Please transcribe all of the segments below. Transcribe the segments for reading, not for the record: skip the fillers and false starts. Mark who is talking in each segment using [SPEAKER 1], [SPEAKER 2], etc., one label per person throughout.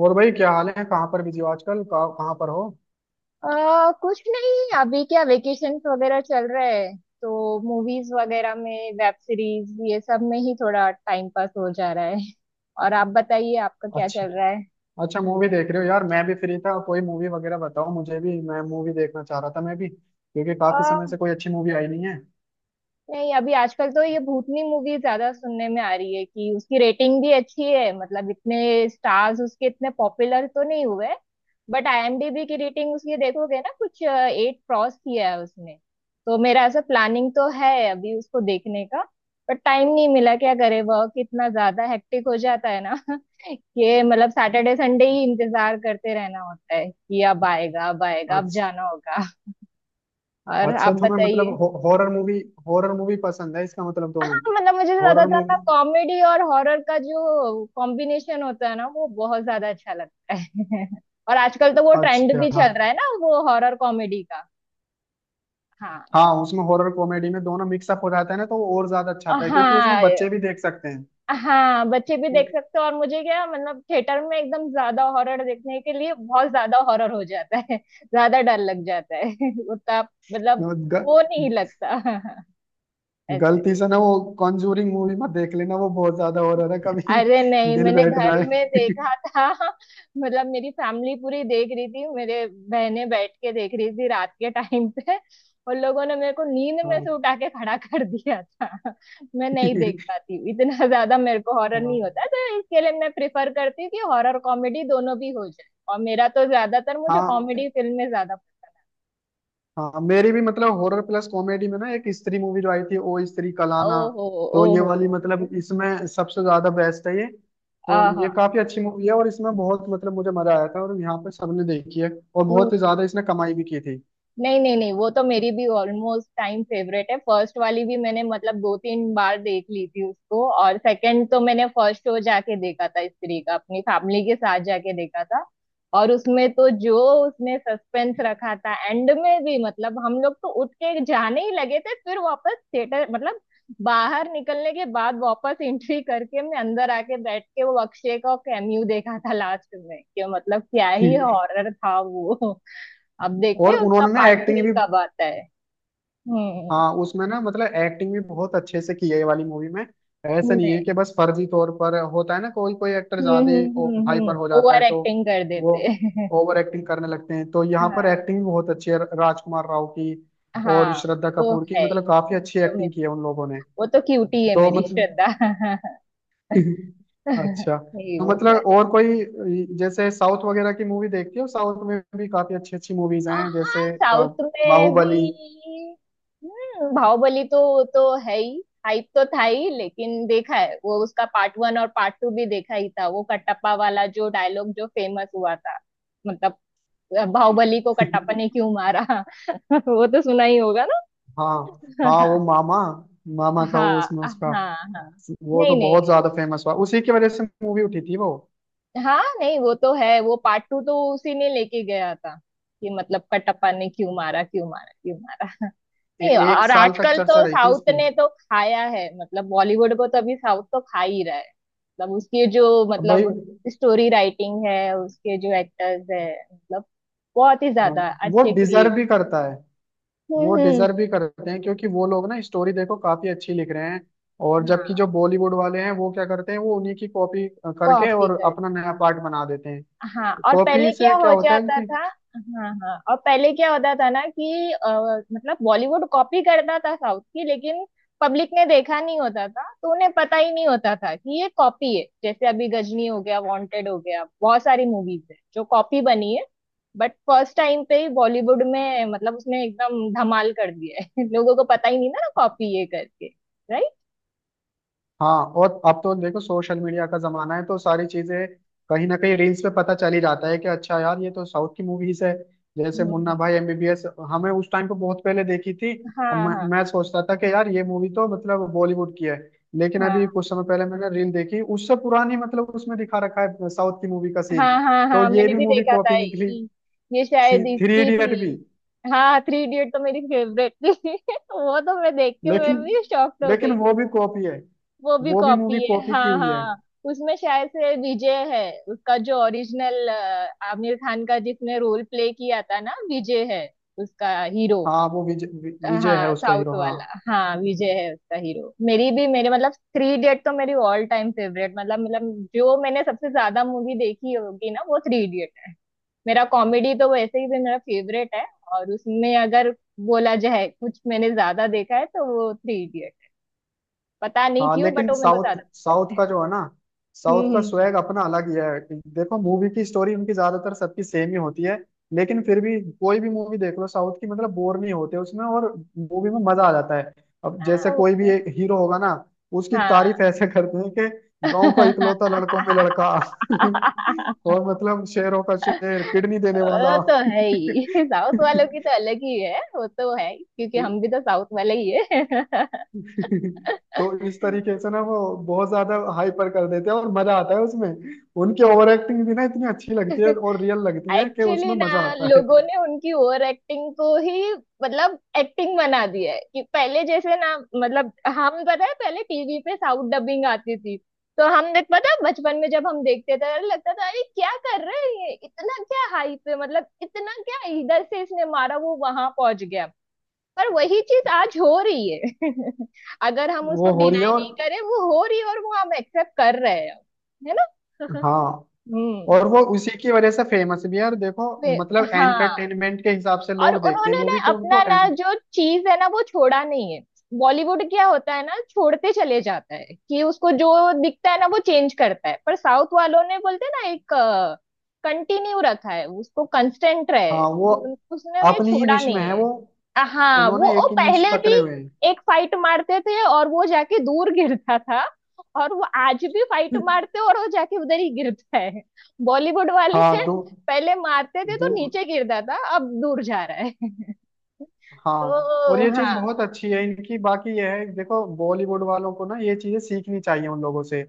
[SPEAKER 1] और भाई क्या हाल है? कहाँ पर बिजी हो आजकल? कहाँ कहाँ पर हो?
[SPEAKER 2] कुछ नहीं अभी क्या वेकेशंस वगैरह चल रहे हैं। तो मूवीज वगैरह में वेब सीरीज ये सब में ही थोड़ा टाइम पास हो जा रहा है। और आप बताइए आपका क्या
[SPEAKER 1] अच्छा।
[SPEAKER 2] चल रहा
[SPEAKER 1] अच्छा मूवी देख रहे हो यार? मैं भी फ्री था, कोई मूवी वगैरह बताओ मुझे भी। मैं मूवी देखना चाह रहा था मैं भी, क्योंकि काफी
[SPEAKER 2] है।
[SPEAKER 1] समय से कोई अच्छी मूवी आई नहीं है।
[SPEAKER 2] नहीं अभी आजकल तो ये भूतनी मूवी ज्यादा सुनने में आ रही है कि उसकी रेटिंग भी अच्छी है, मतलब इतने स्टार्स उसके इतने पॉपुलर तो नहीं हुए, बट आईएमडीबी की रेटिंग उसकी देखोगे ना, कुछ 8 क्रॉस किया है उसने। तो मेरा ऐसा प्लानिंग तो है अभी उसको देखने का, बट टाइम नहीं मिला, क्या करे, वर्क इतना ज्यादा हेक्टिक हो जाता है ना। कि मतलब सैटरडे संडे ही इंतजार करते रहना होता है कि अब आएगा अब आएगा अब
[SPEAKER 1] अच्छा।
[SPEAKER 2] जाना होगा। और
[SPEAKER 1] अच्छा
[SPEAKER 2] आप
[SPEAKER 1] तो मैं मतलब
[SPEAKER 2] बताइए।
[SPEAKER 1] हॉरर मूवी, हॉरर मूवी पसंद है इसका मतलब तुम्हें?
[SPEAKER 2] हाँ, मतलब मुझे
[SPEAKER 1] हॉरर
[SPEAKER 2] ज्यादातर ना
[SPEAKER 1] मूवी,
[SPEAKER 2] कॉमेडी और हॉरर का जो कॉम्बिनेशन होता है ना वो बहुत ज्यादा अच्छा लगता है। और आजकल तो वो ट्रेंड
[SPEAKER 1] अच्छा।
[SPEAKER 2] भी चल रहा है ना, वो हॉरर कॉमेडी का। हाँ।
[SPEAKER 1] हाँ, उसमें हॉरर कॉमेडी में दोनों मिक्सअप हो जाता है ना, तो वो और ज्यादा अच्छा आता है क्योंकि उसमें
[SPEAKER 2] हाँ,
[SPEAKER 1] बच्चे भी देख सकते हैं।
[SPEAKER 2] हाँ बच्चे भी देख सकते हो, और मुझे क्या, मतलब थिएटर में एकदम ज्यादा हॉरर देखने के लिए बहुत ज्यादा हॉरर हो जाता है। ज्यादा डर लग जाता है। उतना मतलब
[SPEAKER 1] ग,
[SPEAKER 2] वो नहीं लगता। ऐसे।
[SPEAKER 1] गलती से ना वो कॉन्जूरिंग मूवी मत देख लेना, वो बहुत ज्यादा हॉरर है कभी
[SPEAKER 2] अरे नहीं,
[SPEAKER 1] दिल
[SPEAKER 2] मैंने
[SPEAKER 1] बैठ
[SPEAKER 2] घर
[SPEAKER 1] जाए।
[SPEAKER 2] में देखा था। मतलब मेरी फैमिली पूरी देख रही थी, मेरे बहनें बैठ के देख रही थी रात के टाइम पे। उन लोगों ने मेरे को नींद में
[SPEAKER 1] हाँ।
[SPEAKER 2] से उठा के खड़ा कर दिया था। मैं नहीं देख पाती हूँ इतना। ज्यादा मेरे को हॉरर
[SPEAKER 1] हाँ।
[SPEAKER 2] नहीं होता, तो इसके लिए मैं प्रिफर करती हूँ कि हॉरर कॉमेडी दोनों भी हो जाए। और मेरा तो ज्यादातर मुझे
[SPEAKER 1] हाँ,
[SPEAKER 2] कॉमेडी फिल्में ज्यादा।
[SPEAKER 1] हाँ, मेरी भी, मतलब हॉरर प्लस कॉमेडी में ना, एक स्त्री मूवी जो आई थी, ओ स्त्री कलाना,
[SPEAKER 2] ओहो।
[SPEAKER 1] तो ये
[SPEAKER 2] ओहो।
[SPEAKER 1] वाली, मतलब इसमें सबसे ज्यादा बेस्ट है ये। तो
[SPEAKER 2] आहा।
[SPEAKER 1] ये काफी अच्छी मूवी है और इसमें बहुत, मतलब मुझे मजा आया था, और यहाँ पे सबने देखी है और बहुत ही ज्यादा इसने कमाई भी की थी।
[SPEAKER 2] नहीं नहीं नहीं, वो तो मेरी भी ऑलमोस्ट टाइम फेवरेट है। फर्स्ट वाली भी मैंने मतलब दो तीन बार देख ली थी उसको, और सेकंड तो मैंने फर्स्ट शो जाके देखा था स्त्री का, अपनी फैमिली के साथ जाके देखा था। और उसमें तो जो उसने सस्पेंस रखा था एंड में भी, मतलब हम लोग तो उठ के जाने ही लगे थे, फिर वापस थिएटर, मतलब बाहर निकलने के बाद वापस एंट्री करके, मैं अंदर आके बैठ के वो अक्षय का कैमियो देखा था लास्ट में। कि मतलब क्या ही हॉरर था वो। अब देखते
[SPEAKER 1] और
[SPEAKER 2] हैं उसका
[SPEAKER 1] उन्होंने ना
[SPEAKER 2] पार्ट
[SPEAKER 1] एक्टिंग
[SPEAKER 2] थ्री
[SPEAKER 1] भी,
[SPEAKER 2] कब आता है। हम्म।
[SPEAKER 1] हाँ उसमें ना मतलब एक्टिंग भी बहुत अच्छे से की है ये वाली मूवी में। ऐसा
[SPEAKER 2] हम्म
[SPEAKER 1] नहीं है
[SPEAKER 2] नहीं
[SPEAKER 1] कि बस फर्जी तौर पर होता है ना, कोई कोई एक्टर
[SPEAKER 2] हम्म
[SPEAKER 1] ज्यादा ही हाइपर हो जाता
[SPEAKER 2] ओवर
[SPEAKER 1] है तो
[SPEAKER 2] एक्टिंग कर
[SPEAKER 1] वो
[SPEAKER 2] देते हैं।
[SPEAKER 1] ओवर एक्टिंग करने लगते हैं, तो यहाँ
[SPEAKER 2] हाँ।
[SPEAKER 1] पर एक्टिंग भी बहुत अच्छी है राजकुमार राव की और
[SPEAKER 2] हाँ
[SPEAKER 1] श्रद्धा
[SPEAKER 2] तो
[SPEAKER 1] कपूर की,
[SPEAKER 2] है ही।
[SPEAKER 1] मतलब काफी अच्छी
[SPEAKER 2] तो
[SPEAKER 1] एक्टिंग
[SPEAKER 2] मेरी
[SPEAKER 1] की है उन लोगों ने।
[SPEAKER 2] वो तो क्यूटी है,
[SPEAKER 1] तो
[SPEAKER 2] मेरी
[SPEAKER 1] मतलब
[SPEAKER 2] श्रद्धा।
[SPEAKER 1] अच्छा।
[SPEAKER 2] यही
[SPEAKER 1] तो
[SPEAKER 2] वो तो
[SPEAKER 1] मतलब
[SPEAKER 2] है।
[SPEAKER 1] और कोई जैसे साउथ वगैरह की मूवी देखती हो? साउथ में भी काफी अच्छी अच्छी मूवीज हैं,
[SPEAKER 2] आह,
[SPEAKER 1] जैसे
[SPEAKER 2] साउथ में भी।
[SPEAKER 1] बाहुबली।
[SPEAKER 2] हम्म, बाहुबली तो है ही, हाइप तो था ही, लेकिन देखा है वो, उसका पार्ट वन और पार्ट टू भी देखा ही था। वो कटप्पा वाला जो डायलॉग जो फेमस हुआ था, मतलब बाहुबली को कट्टापा ने क्यों मारा। वो तो सुना ही होगा
[SPEAKER 1] हाँ, हाँ,
[SPEAKER 2] ना।
[SPEAKER 1] वो मामा, मामा था वो
[SPEAKER 2] हाँ,
[SPEAKER 1] उसमें
[SPEAKER 2] हाँ।
[SPEAKER 1] उसका।
[SPEAKER 2] हाँ।
[SPEAKER 1] वो तो
[SPEAKER 2] नहीं नहीं
[SPEAKER 1] बहुत ज्यादा फेमस हुआ, उसी की वजह से मूवी उठी थी वो।
[SPEAKER 2] नहीं, हाँ नहीं वो तो है, वो पार्ट टू तो उसी ने लेके गया था, कि मतलब कटप्पा ने क्यों मारा क्यों मारा क्यों मारा। नहीं,
[SPEAKER 1] एक
[SPEAKER 2] और
[SPEAKER 1] साल तक
[SPEAKER 2] आजकल
[SPEAKER 1] चर्चा
[SPEAKER 2] तो
[SPEAKER 1] रही थी
[SPEAKER 2] साउथ
[SPEAKER 1] इसकी।
[SPEAKER 2] ने तो खाया है, मतलब बॉलीवुड को तो अभी साउथ तो खा ही रहा है। मतलब उसकी जो,
[SPEAKER 1] अब भाई
[SPEAKER 2] मतलब स्टोरी राइटिंग है, उसके जो एक्टर्स है, मतलब बहुत ही ज्यादा
[SPEAKER 1] वो
[SPEAKER 2] अच्छे क्रिएट।
[SPEAKER 1] डिजर्व भी करता है। वो
[SPEAKER 2] हम्म,
[SPEAKER 1] डिजर्व
[SPEAKER 2] हम्म।
[SPEAKER 1] भी करते हैं क्योंकि वो लोग ना, स्टोरी देखो काफी अच्छी लिख रहे हैं। और जबकि
[SPEAKER 2] हाँ।
[SPEAKER 1] जो बॉलीवुड वाले हैं, वो क्या करते हैं, वो उन्हीं की कॉपी करके
[SPEAKER 2] कॉपी
[SPEAKER 1] और
[SPEAKER 2] कर
[SPEAKER 1] अपना नया पार्ट बना देते हैं।
[SPEAKER 2] हाँ और पहले
[SPEAKER 1] कॉपी
[SPEAKER 2] क्या
[SPEAKER 1] से क्या
[SPEAKER 2] हो
[SPEAKER 1] होता है
[SPEAKER 2] जाता
[SPEAKER 1] कि,
[SPEAKER 2] था। हाँ हाँ, और पहले क्या होता था ना कि मतलब बॉलीवुड कॉपी करता था साउथ की, लेकिन पब्लिक ने देखा नहीं होता था, तो उन्हें पता ही नहीं होता था कि ये कॉपी है। जैसे अभी गजनी हो गया, वांटेड हो गया, बहुत सारी मूवीज है जो कॉपी बनी है। बट फर्स्ट टाइम पे ही बॉलीवुड में मतलब उसने एकदम धमाल कर दिया है। लोगों को पता ही नहीं था ना कॉपी ये करके। राइट।
[SPEAKER 1] हाँ, और अब तो देखो सोशल मीडिया का जमाना है, तो सारी चीजें कहीं ना कहीं रील्स पे पता चल ही जाता है कि अच्छा यार ये तो साउथ की मूवीज है। जैसे मुन्ना भाई एमबीबीएस, हमें उस टाइम पे बहुत पहले देखी थी।
[SPEAKER 2] हाँ हाँ
[SPEAKER 1] मैं सोचता था कि यार ये मूवी तो मतलब बॉलीवुड की है, लेकिन अभी
[SPEAKER 2] हाँ।
[SPEAKER 1] कुछ समय पहले मैंने रील देखी उससे पुरानी, मतलब उसमें दिखा रखा है साउथ की मूवी का सीन,
[SPEAKER 2] हाँ हाँ
[SPEAKER 1] तो
[SPEAKER 2] हाँ,
[SPEAKER 1] ये
[SPEAKER 2] मैंने
[SPEAKER 1] भी
[SPEAKER 2] भी
[SPEAKER 1] मूवी
[SPEAKER 2] देखा था
[SPEAKER 1] कॉपी निकली।
[SPEAKER 2] ये। ये शायद
[SPEAKER 1] थ्री
[SPEAKER 2] इसकी थी।
[SPEAKER 1] इडियट भी,
[SPEAKER 2] हाँ, थ्री इडियट तो मेरी फेवरेट थी। वो तो मैं देख के मैं
[SPEAKER 1] लेकिन
[SPEAKER 2] भी शॉक्ड हो
[SPEAKER 1] लेकिन
[SPEAKER 2] गई
[SPEAKER 1] वो
[SPEAKER 2] थी।
[SPEAKER 1] भी कॉपी है।
[SPEAKER 2] वो भी
[SPEAKER 1] वो भी
[SPEAKER 2] कॉपी
[SPEAKER 1] मूवी
[SPEAKER 2] है,
[SPEAKER 1] कॉपी की
[SPEAKER 2] हाँ
[SPEAKER 1] हुई है।
[SPEAKER 2] हाँ। उसमें शायद से विजय है, उसका जो ओरिजिनल, आमिर खान का जिसने रोल प्ले किया था ना, विजय है उसका हीरो।
[SPEAKER 1] हाँ वो विजय, विजय
[SPEAKER 2] हाँ
[SPEAKER 1] है उसका
[SPEAKER 2] साउथ
[SPEAKER 1] हीरो, हाँ।
[SPEAKER 2] वाला। हाँ विजय है उसका हीरो। मेरी भी, मेरे मतलब थ्री इडियट तो मेरी ऑल टाइम फेवरेट, मतलब मतलब जो मैंने सबसे ज्यादा मूवी देखी होगी ना वो थ्री। मेरा कॉमेडी तो वैसे ही भी मेरा फेवरेट है, और उसमें अगर बोला जाए कुछ मैंने ज्यादा देखा है तो वो थ्री इडियट। पता नहीं
[SPEAKER 1] हाँ
[SPEAKER 2] क्यों, बट
[SPEAKER 1] लेकिन
[SPEAKER 2] वो मेरे को
[SPEAKER 1] साउथ
[SPEAKER 2] ज्यादा।
[SPEAKER 1] साउथ का जो है ना,
[SPEAKER 2] हम्म
[SPEAKER 1] साउथ
[SPEAKER 2] हम्म
[SPEAKER 1] का
[SPEAKER 2] हम्म।
[SPEAKER 1] स्वैग अपना अलग ही है। देखो मूवी की स्टोरी उनकी ज्यादातर सबकी सेम ही होती है, लेकिन फिर भी कोई भी मूवी देख लो साउथ की, मतलब बोर नहीं होते उसमें, और मूवी में मजा आ जाता है। अब जैसे
[SPEAKER 2] हाँ वो
[SPEAKER 1] कोई
[SPEAKER 2] तो
[SPEAKER 1] भी
[SPEAKER 2] है।
[SPEAKER 1] एक हीरो होगा ना, उसकी
[SPEAKER 2] हाँ।
[SPEAKER 1] तारीफ ऐसे करते हैं कि गांव का इकलौता लड़कों में लड़का और मतलब शेरों का शेर, किडनी देने वाला।
[SPEAKER 2] वो तो है ही, साउथ वालों की तो अलग ही है, वो तो है ही, क्योंकि हम भी तो साउथ वाले ही है।
[SPEAKER 1] तो इस तरीके से ना, वो बहुत ज्यादा हाइपर कर देते हैं और मजा आता है उसमें। उनकी ओवर एक्टिंग भी ना इतनी अच्छी लगती है और रियल लगती है कि
[SPEAKER 2] एक्चुअली
[SPEAKER 1] उसमें मजा
[SPEAKER 2] ना
[SPEAKER 1] आता है।
[SPEAKER 2] लोगों ने उनकी ओवर एक्टिंग को ही मतलब एक्टिंग बना दिया है। कि पहले जैसे ना, मतलब हम पता है पहले टीवी पे साउथ डबिंग आती थी, तो हम देख, पता है बचपन में जब हम देखते थे, अरे लगता था अरे क्या कर रहे हैं ये, इतना क्या हाइप है, मतलब इतना क्या, इधर से इसने मारा वो वहां पहुंच गया। पर वही चीज आज हो रही है। अगर हम
[SPEAKER 1] वो
[SPEAKER 2] उसको
[SPEAKER 1] हो रही है
[SPEAKER 2] डिनाई
[SPEAKER 1] और
[SPEAKER 2] नहीं करें, वो हो रही है और वो हम एक्सेप्ट कर रहे हैं। है ना। हाँ।
[SPEAKER 1] हाँ।
[SPEAKER 2] हम्म।
[SPEAKER 1] और वो उसी की वजह से फेमस भी है और देखो
[SPEAKER 2] वे-
[SPEAKER 1] मतलब
[SPEAKER 2] हाँ,
[SPEAKER 1] एंटरटेनमेंट के हिसाब से
[SPEAKER 2] और
[SPEAKER 1] लोग देखते हैं
[SPEAKER 2] उन्होंने ना
[SPEAKER 1] मूवी के,
[SPEAKER 2] अपना
[SPEAKER 1] उनको एंट...
[SPEAKER 2] ना जो चीज है ना वो छोड़ा नहीं है। बॉलीवुड क्या होता है ना, छोड़ते चले जाता है कि उसको जो दिखता है ना वो चेंज करता है, पर साउथ वालों ने बोलते हैं ना एक कंटिन्यू रखा है उसको, कंस्टेंट रहे
[SPEAKER 1] हाँ। वो
[SPEAKER 2] कि उसने उन्हें
[SPEAKER 1] अपनी ही
[SPEAKER 2] छोड़ा
[SPEAKER 1] निश में
[SPEAKER 2] नहीं
[SPEAKER 1] है
[SPEAKER 2] है।
[SPEAKER 1] वो,
[SPEAKER 2] हाँ
[SPEAKER 1] उन्होंने एक
[SPEAKER 2] वो
[SPEAKER 1] ही निश
[SPEAKER 2] पहले भी
[SPEAKER 1] पकड़े हुए हैं।
[SPEAKER 2] एक फाइट मारते थे और वो जाके दूर गिरता था, और वो आज भी फाइट मारते और वो जाके उधर ही गिरता है। बॉलीवुड वाले
[SPEAKER 1] हाँ। दो,
[SPEAKER 2] पहले मारते थे
[SPEAKER 1] दो,
[SPEAKER 2] तो नीचे गिरता था, अब दूर जा रहा है।
[SPEAKER 1] हाँ, और
[SPEAKER 2] तो
[SPEAKER 1] ये चीज
[SPEAKER 2] हाँ।
[SPEAKER 1] बहुत अच्छी है इनकी। बाकी ये है देखो, बॉलीवुड वालों को ना ये चीजें सीखनी चाहिए उन लोगों से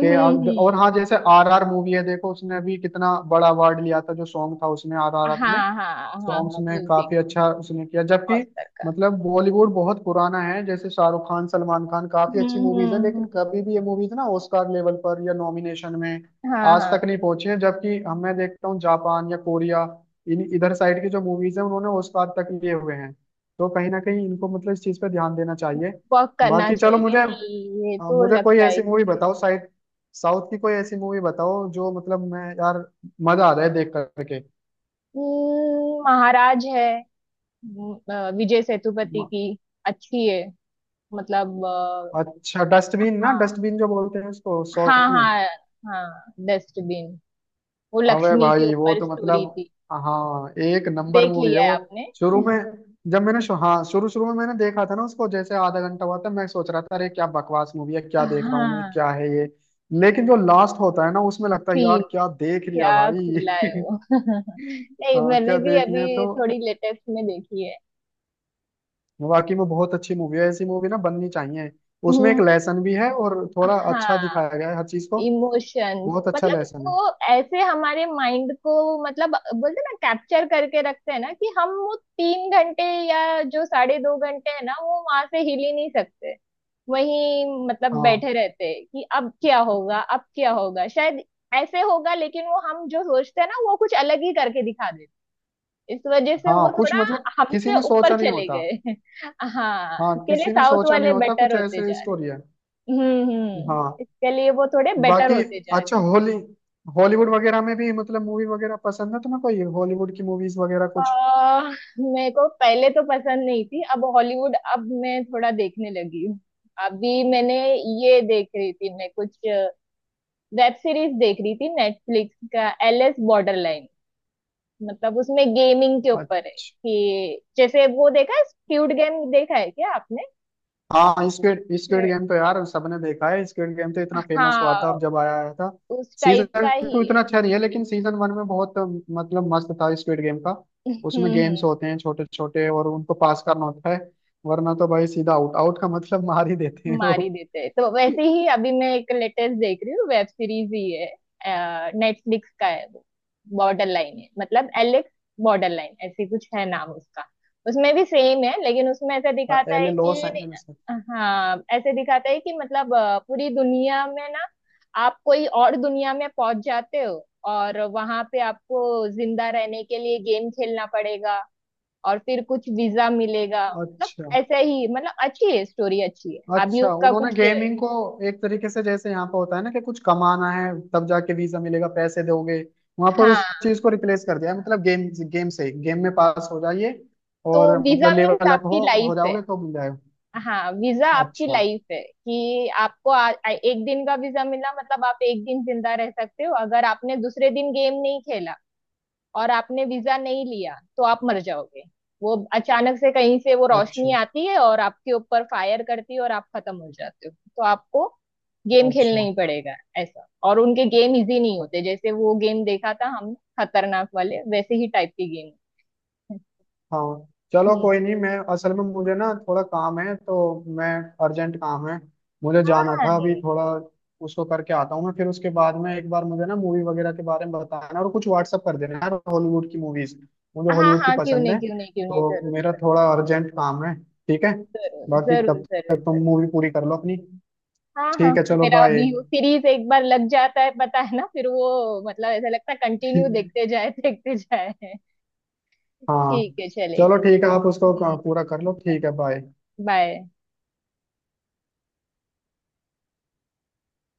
[SPEAKER 1] कि
[SPEAKER 2] हम्म।
[SPEAKER 1] और हाँ, जैसे आर आर मूवी है देखो, उसने अभी कितना बड़ा अवार्ड लिया था, जो सॉन्ग था उसमें, आर आर
[SPEAKER 2] हाँ
[SPEAKER 1] आर में
[SPEAKER 2] हाँ। हाँ हाँ
[SPEAKER 1] सॉन्ग्स में,
[SPEAKER 2] म्यूजिक,
[SPEAKER 1] काफी अच्छा उसने किया। जबकि
[SPEAKER 2] ऑस्कर का।
[SPEAKER 1] मतलब बॉलीवुड बहुत पुराना है, जैसे शाहरुख खान, सलमान खान, काफी
[SPEAKER 2] हम्म
[SPEAKER 1] अच्छी मूवीज है,
[SPEAKER 2] हम्म
[SPEAKER 1] लेकिन
[SPEAKER 2] हम्म,
[SPEAKER 1] कभी भी ये मूवीज ना ऑस्कार लेवल पर या नॉमिनेशन में
[SPEAKER 2] हाँ
[SPEAKER 1] आज
[SPEAKER 2] हाँ।
[SPEAKER 1] तक नहीं पहुंची है। जबकि हम मैं देखता हूँ, जापान या कोरिया, इन इधर साइड की जो मूवीज है, उन्होंने ऑस्कार तक लिए हुए हैं। तो कहीं ना कहीं इनको मतलब इस चीज पर ध्यान देना चाहिए।
[SPEAKER 2] वॉक करना
[SPEAKER 1] बाकी चलो,
[SPEAKER 2] चाहिए,
[SPEAKER 1] मुझे
[SPEAKER 2] नहीं ये तो
[SPEAKER 1] मुझे कोई
[SPEAKER 2] लगता
[SPEAKER 1] ऐसी
[SPEAKER 2] ही
[SPEAKER 1] मूवी
[SPEAKER 2] है।
[SPEAKER 1] बताओ, साइड साउथ की कोई ऐसी मूवी बताओ, जो मतलब मैं यार मजा आ जाए देख करके।
[SPEAKER 2] महाराज है। हम्म, विजय सेतुपति की, अच्छी है, मतलब
[SPEAKER 1] अच्छा डस्टबिन, ना
[SPEAKER 2] हाँ
[SPEAKER 1] डस्टबिन जो बोलते हैं उसको
[SPEAKER 2] हाँ।
[SPEAKER 1] शॉर्ट में।
[SPEAKER 2] हाँ, हाँ डस्टबिन। वो
[SPEAKER 1] अबे
[SPEAKER 2] लक्ष्मी के
[SPEAKER 1] भाई, वो
[SPEAKER 2] ऊपर
[SPEAKER 1] तो मतलब,
[SPEAKER 2] स्टोरी थी।
[SPEAKER 1] हाँ एक नंबर
[SPEAKER 2] देख
[SPEAKER 1] मूवी है
[SPEAKER 2] लिया है
[SPEAKER 1] वो।
[SPEAKER 2] आपने।
[SPEAKER 1] शुरू में जब मैंने हाँ शुरू शुरू में मैंने देखा था ना उसको, जैसे आधा घंटा हुआ था, मैं सोच रहा था अरे क्या बकवास मूवी है, क्या देख रहा हूँ मैं,
[SPEAKER 2] हाँ।
[SPEAKER 1] क्या है ये। लेकिन जो लास्ट होता है ना उसमें, लगता है
[SPEAKER 2] तीन,
[SPEAKER 1] यार क्या देख
[SPEAKER 2] क्या
[SPEAKER 1] लिया
[SPEAKER 2] खुलाए
[SPEAKER 1] भाई।
[SPEAKER 2] हो। नहीं
[SPEAKER 1] हाँ
[SPEAKER 2] मैंने
[SPEAKER 1] क्या
[SPEAKER 2] भी
[SPEAKER 1] देख लिया,
[SPEAKER 2] अभी
[SPEAKER 1] तो
[SPEAKER 2] थोड़ी लेटेस्ट में देखी है।
[SPEAKER 1] वाकई में बहुत अच्छी मूवी है। ऐसी मूवी ना बननी चाहिए, उसमें
[SPEAKER 2] हम्म,
[SPEAKER 1] एक लेसन भी है और थोड़ा अच्छा
[SPEAKER 2] हाँ
[SPEAKER 1] दिखाया गया है हर चीज को।
[SPEAKER 2] इमोशंस
[SPEAKER 1] बहुत अच्छा
[SPEAKER 2] मतलब
[SPEAKER 1] लेसन है।
[SPEAKER 2] वो, ऐसे हमारे माइंड को मतलब बोलते हैं ना, कैप्चर करके रखते हैं ना, कि हम वो 3 घंटे या जो 2.5 घंटे है ना, वो वहां से हिल ही नहीं सकते। वही मतलब
[SPEAKER 1] हाँ।
[SPEAKER 2] बैठे रहते हैं कि अब क्या होगा अब क्या होगा, शायद ऐसे होगा, लेकिन वो हम जो सोचते हैं ना वो कुछ अलग ही करके दिखा। इस वजह से वो
[SPEAKER 1] हाँ, कुछ
[SPEAKER 2] थोड़ा
[SPEAKER 1] मतलब किसी
[SPEAKER 2] हमसे
[SPEAKER 1] ने
[SPEAKER 2] ऊपर
[SPEAKER 1] सोचा नहीं
[SPEAKER 2] चले
[SPEAKER 1] होता।
[SPEAKER 2] गए। हाँ
[SPEAKER 1] हाँ
[SPEAKER 2] इसके लिए
[SPEAKER 1] किसी ने
[SPEAKER 2] साउथ
[SPEAKER 1] सोचा नहीं
[SPEAKER 2] वाले
[SPEAKER 1] होता
[SPEAKER 2] बेटर
[SPEAKER 1] कुछ
[SPEAKER 2] होते
[SPEAKER 1] ऐसे
[SPEAKER 2] जा
[SPEAKER 1] स्टोरी
[SPEAKER 2] रहे।
[SPEAKER 1] है।
[SPEAKER 2] हम्म,
[SPEAKER 1] हाँ।
[SPEAKER 2] इसके लिए वो थोड़े बेटर
[SPEAKER 1] बाकी
[SPEAKER 2] होते जा रहे।
[SPEAKER 1] अच्छा, होली, हॉलीवुड वगैरह में भी मतलब मूवी वगैरह पसंद है तुम्हें? कोई हॉलीवुड की मूवीज वगैरह
[SPEAKER 2] आ,
[SPEAKER 1] कुछ?
[SPEAKER 2] मेरे को पहले तो पसंद नहीं थी, अब हॉलीवुड अब मैं थोड़ा देखने लगी हूँ। अभी मैंने ये देख रही थी, मैं कुछ वेब सीरीज देख रही थी, नेटफ्लिक्स का एल एस बॉर्डर लाइन, मतलब उसमें गेमिंग के ऊपर है।
[SPEAKER 1] अच्छा।
[SPEAKER 2] कि जैसे वो देखा है स्क्विड गेम, देखा है क्या आपने।
[SPEAKER 1] हाँ स्क्विड, स्क्विड
[SPEAKER 2] ये-
[SPEAKER 1] गेम तो यार सबने देखा है। स्क्विड गेम तो इतना फेमस हुआ था
[SPEAKER 2] हाँ,
[SPEAKER 1] अब जब आया आया था।
[SPEAKER 2] उस टाइप
[SPEAKER 1] सीजन
[SPEAKER 2] का ही।
[SPEAKER 1] टू इतना अच्छा नहीं है, लेकिन सीजन वन में बहुत मतलब मस्त था स्क्विड गेम का।
[SPEAKER 2] हम्म।
[SPEAKER 1] उसमें
[SPEAKER 2] हम्म।
[SPEAKER 1] गेम्स होते हैं छोटे छोटे और उनको पास करना होता है, वरना तो भाई सीधा आउट, आउट का मतलब मार ही देते हैं
[SPEAKER 2] मार ही
[SPEAKER 1] वो।
[SPEAKER 2] देते हैं, तो वैसे ही अभी मैं एक लेटेस्ट देख रही हूँ, वेब सीरीज ही है, नेटफ्लिक्स का है वो। बॉर्डर लाइन है, मतलब एलेक्स बॉर्डर लाइन ऐसे कुछ है नाम उसका। उसमें भी सेम है, लेकिन उसमें ऐसा दिखाता
[SPEAKER 1] एल
[SPEAKER 2] है
[SPEAKER 1] ए, लॉस
[SPEAKER 2] कि।
[SPEAKER 1] एंजल्स है।
[SPEAKER 2] हाँ ऐसे दिखाता है कि मतलब पूरी दुनिया में ना, आप कोई और दुनिया में पहुंच जाते हो, और वहां पे आपको जिंदा रहने के लिए गेम खेलना पड़ेगा, और फिर कुछ वीजा मिलेगा मतलब,
[SPEAKER 1] अच्छा।
[SPEAKER 2] ऐसा ही, मतलब अच्छी है, स्टोरी अच्छी है, अभी
[SPEAKER 1] अच्छा
[SPEAKER 2] उसका
[SPEAKER 1] उन्होंने
[SPEAKER 2] कुछ।
[SPEAKER 1] गेमिंग को एक तरीके से जैसे यहाँ पर होता है ना कि कुछ कमाना है तब जाके वीजा मिलेगा, पैसे दोगे, वहां पर उस
[SPEAKER 2] हाँ
[SPEAKER 1] चीज को रिप्लेस कर दिया है, मतलब गेम, गेम से गेम में पास हो जाइए
[SPEAKER 2] तो
[SPEAKER 1] और
[SPEAKER 2] वीजा
[SPEAKER 1] मतलब
[SPEAKER 2] मीन्स
[SPEAKER 1] लेवल अप
[SPEAKER 2] आपकी
[SPEAKER 1] हो
[SPEAKER 2] लाइफ है।
[SPEAKER 1] जाओगे तो मिल जाएगा।
[SPEAKER 2] हाँ वीजा आपकी
[SPEAKER 1] अच्छा।
[SPEAKER 2] लाइफ है, कि आपको आ, आ- एक दिन का वीजा मिला, मतलब आप एक दिन जिंदा रह सकते हो। अगर आपने दूसरे दिन गेम नहीं खेला और आपने वीजा नहीं लिया तो आप मर जाओगे। वो अचानक से कहीं से वो
[SPEAKER 1] अच्छा।
[SPEAKER 2] रोशनी आती है और आपके ऊपर फायर करती है और आप खत्म हो जाते हो, तो आपको गेम खेलना
[SPEAKER 1] अच्छा।
[SPEAKER 2] ही पड़ेगा, ऐसा। और उनके गेम इजी नहीं होते, जैसे वो गेम देखा था हम, खतरनाक वाले वैसे ही टाइप के गेम।
[SPEAKER 1] हाँ चलो
[SPEAKER 2] हम्म।
[SPEAKER 1] कोई नहीं, मैं असल में मुझे ना थोड़ा काम है तो मैं, अर्जेंट काम है, मुझे
[SPEAKER 2] हाँ
[SPEAKER 1] जाना
[SPEAKER 2] हाँ
[SPEAKER 1] था अभी
[SPEAKER 2] नहीं।
[SPEAKER 1] थोड़ा, उसको करके आता हूँ मैं, फिर उसके बाद में एक बार मुझे ना मूवी वगैरह के बारे में बताना और कुछ व्हाट्सअप कर देना यार हॉलीवुड की मूवीज। मुझे
[SPEAKER 2] हाँ
[SPEAKER 1] हॉलीवुड की
[SPEAKER 2] हाँ, क्यों
[SPEAKER 1] पसंद
[SPEAKER 2] नहीं
[SPEAKER 1] है,
[SPEAKER 2] क्यों नहीं क्यों नहीं,
[SPEAKER 1] तो
[SPEAKER 2] जरूर।
[SPEAKER 1] मेरा थोड़ा अर्जेंट काम है। ठीक है,
[SPEAKER 2] जरूर
[SPEAKER 1] बाकी
[SPEAKER 2] जरूर
[SPEAKER 1] तब तक
[SPEAKER 2] जरूर
[SPEAKER 1] तुम
[SPEAKER 2] जरूर।
[SPEAKER 1] मूवी पूरी कर लो अपनी।
[SPEAKER 2] हाँ हाँ।
[SPEAKER 1] ठीक है चलो,
[SPEAKER 2] मेरा भी
[SPEAKER 1] बाय।
[SPEAKER 2] वो सीरीज एक बार लग जाता है, पता है ना, फिर वो मतलब ऐसा लगता है कंटिन्यू देखते जाए देखते जाए।
[SPEAKER 1] हाँ,
[SPEAKER 2] ठीक है चलेगा।
[SPEAKER 1] चलो ठीक है, आप उसको
[SPEAKER 2] हम्म,
[SPEAKER 1] पूरा कर लो, ठीक है, बाय।
[SPEAKER 2] बाय।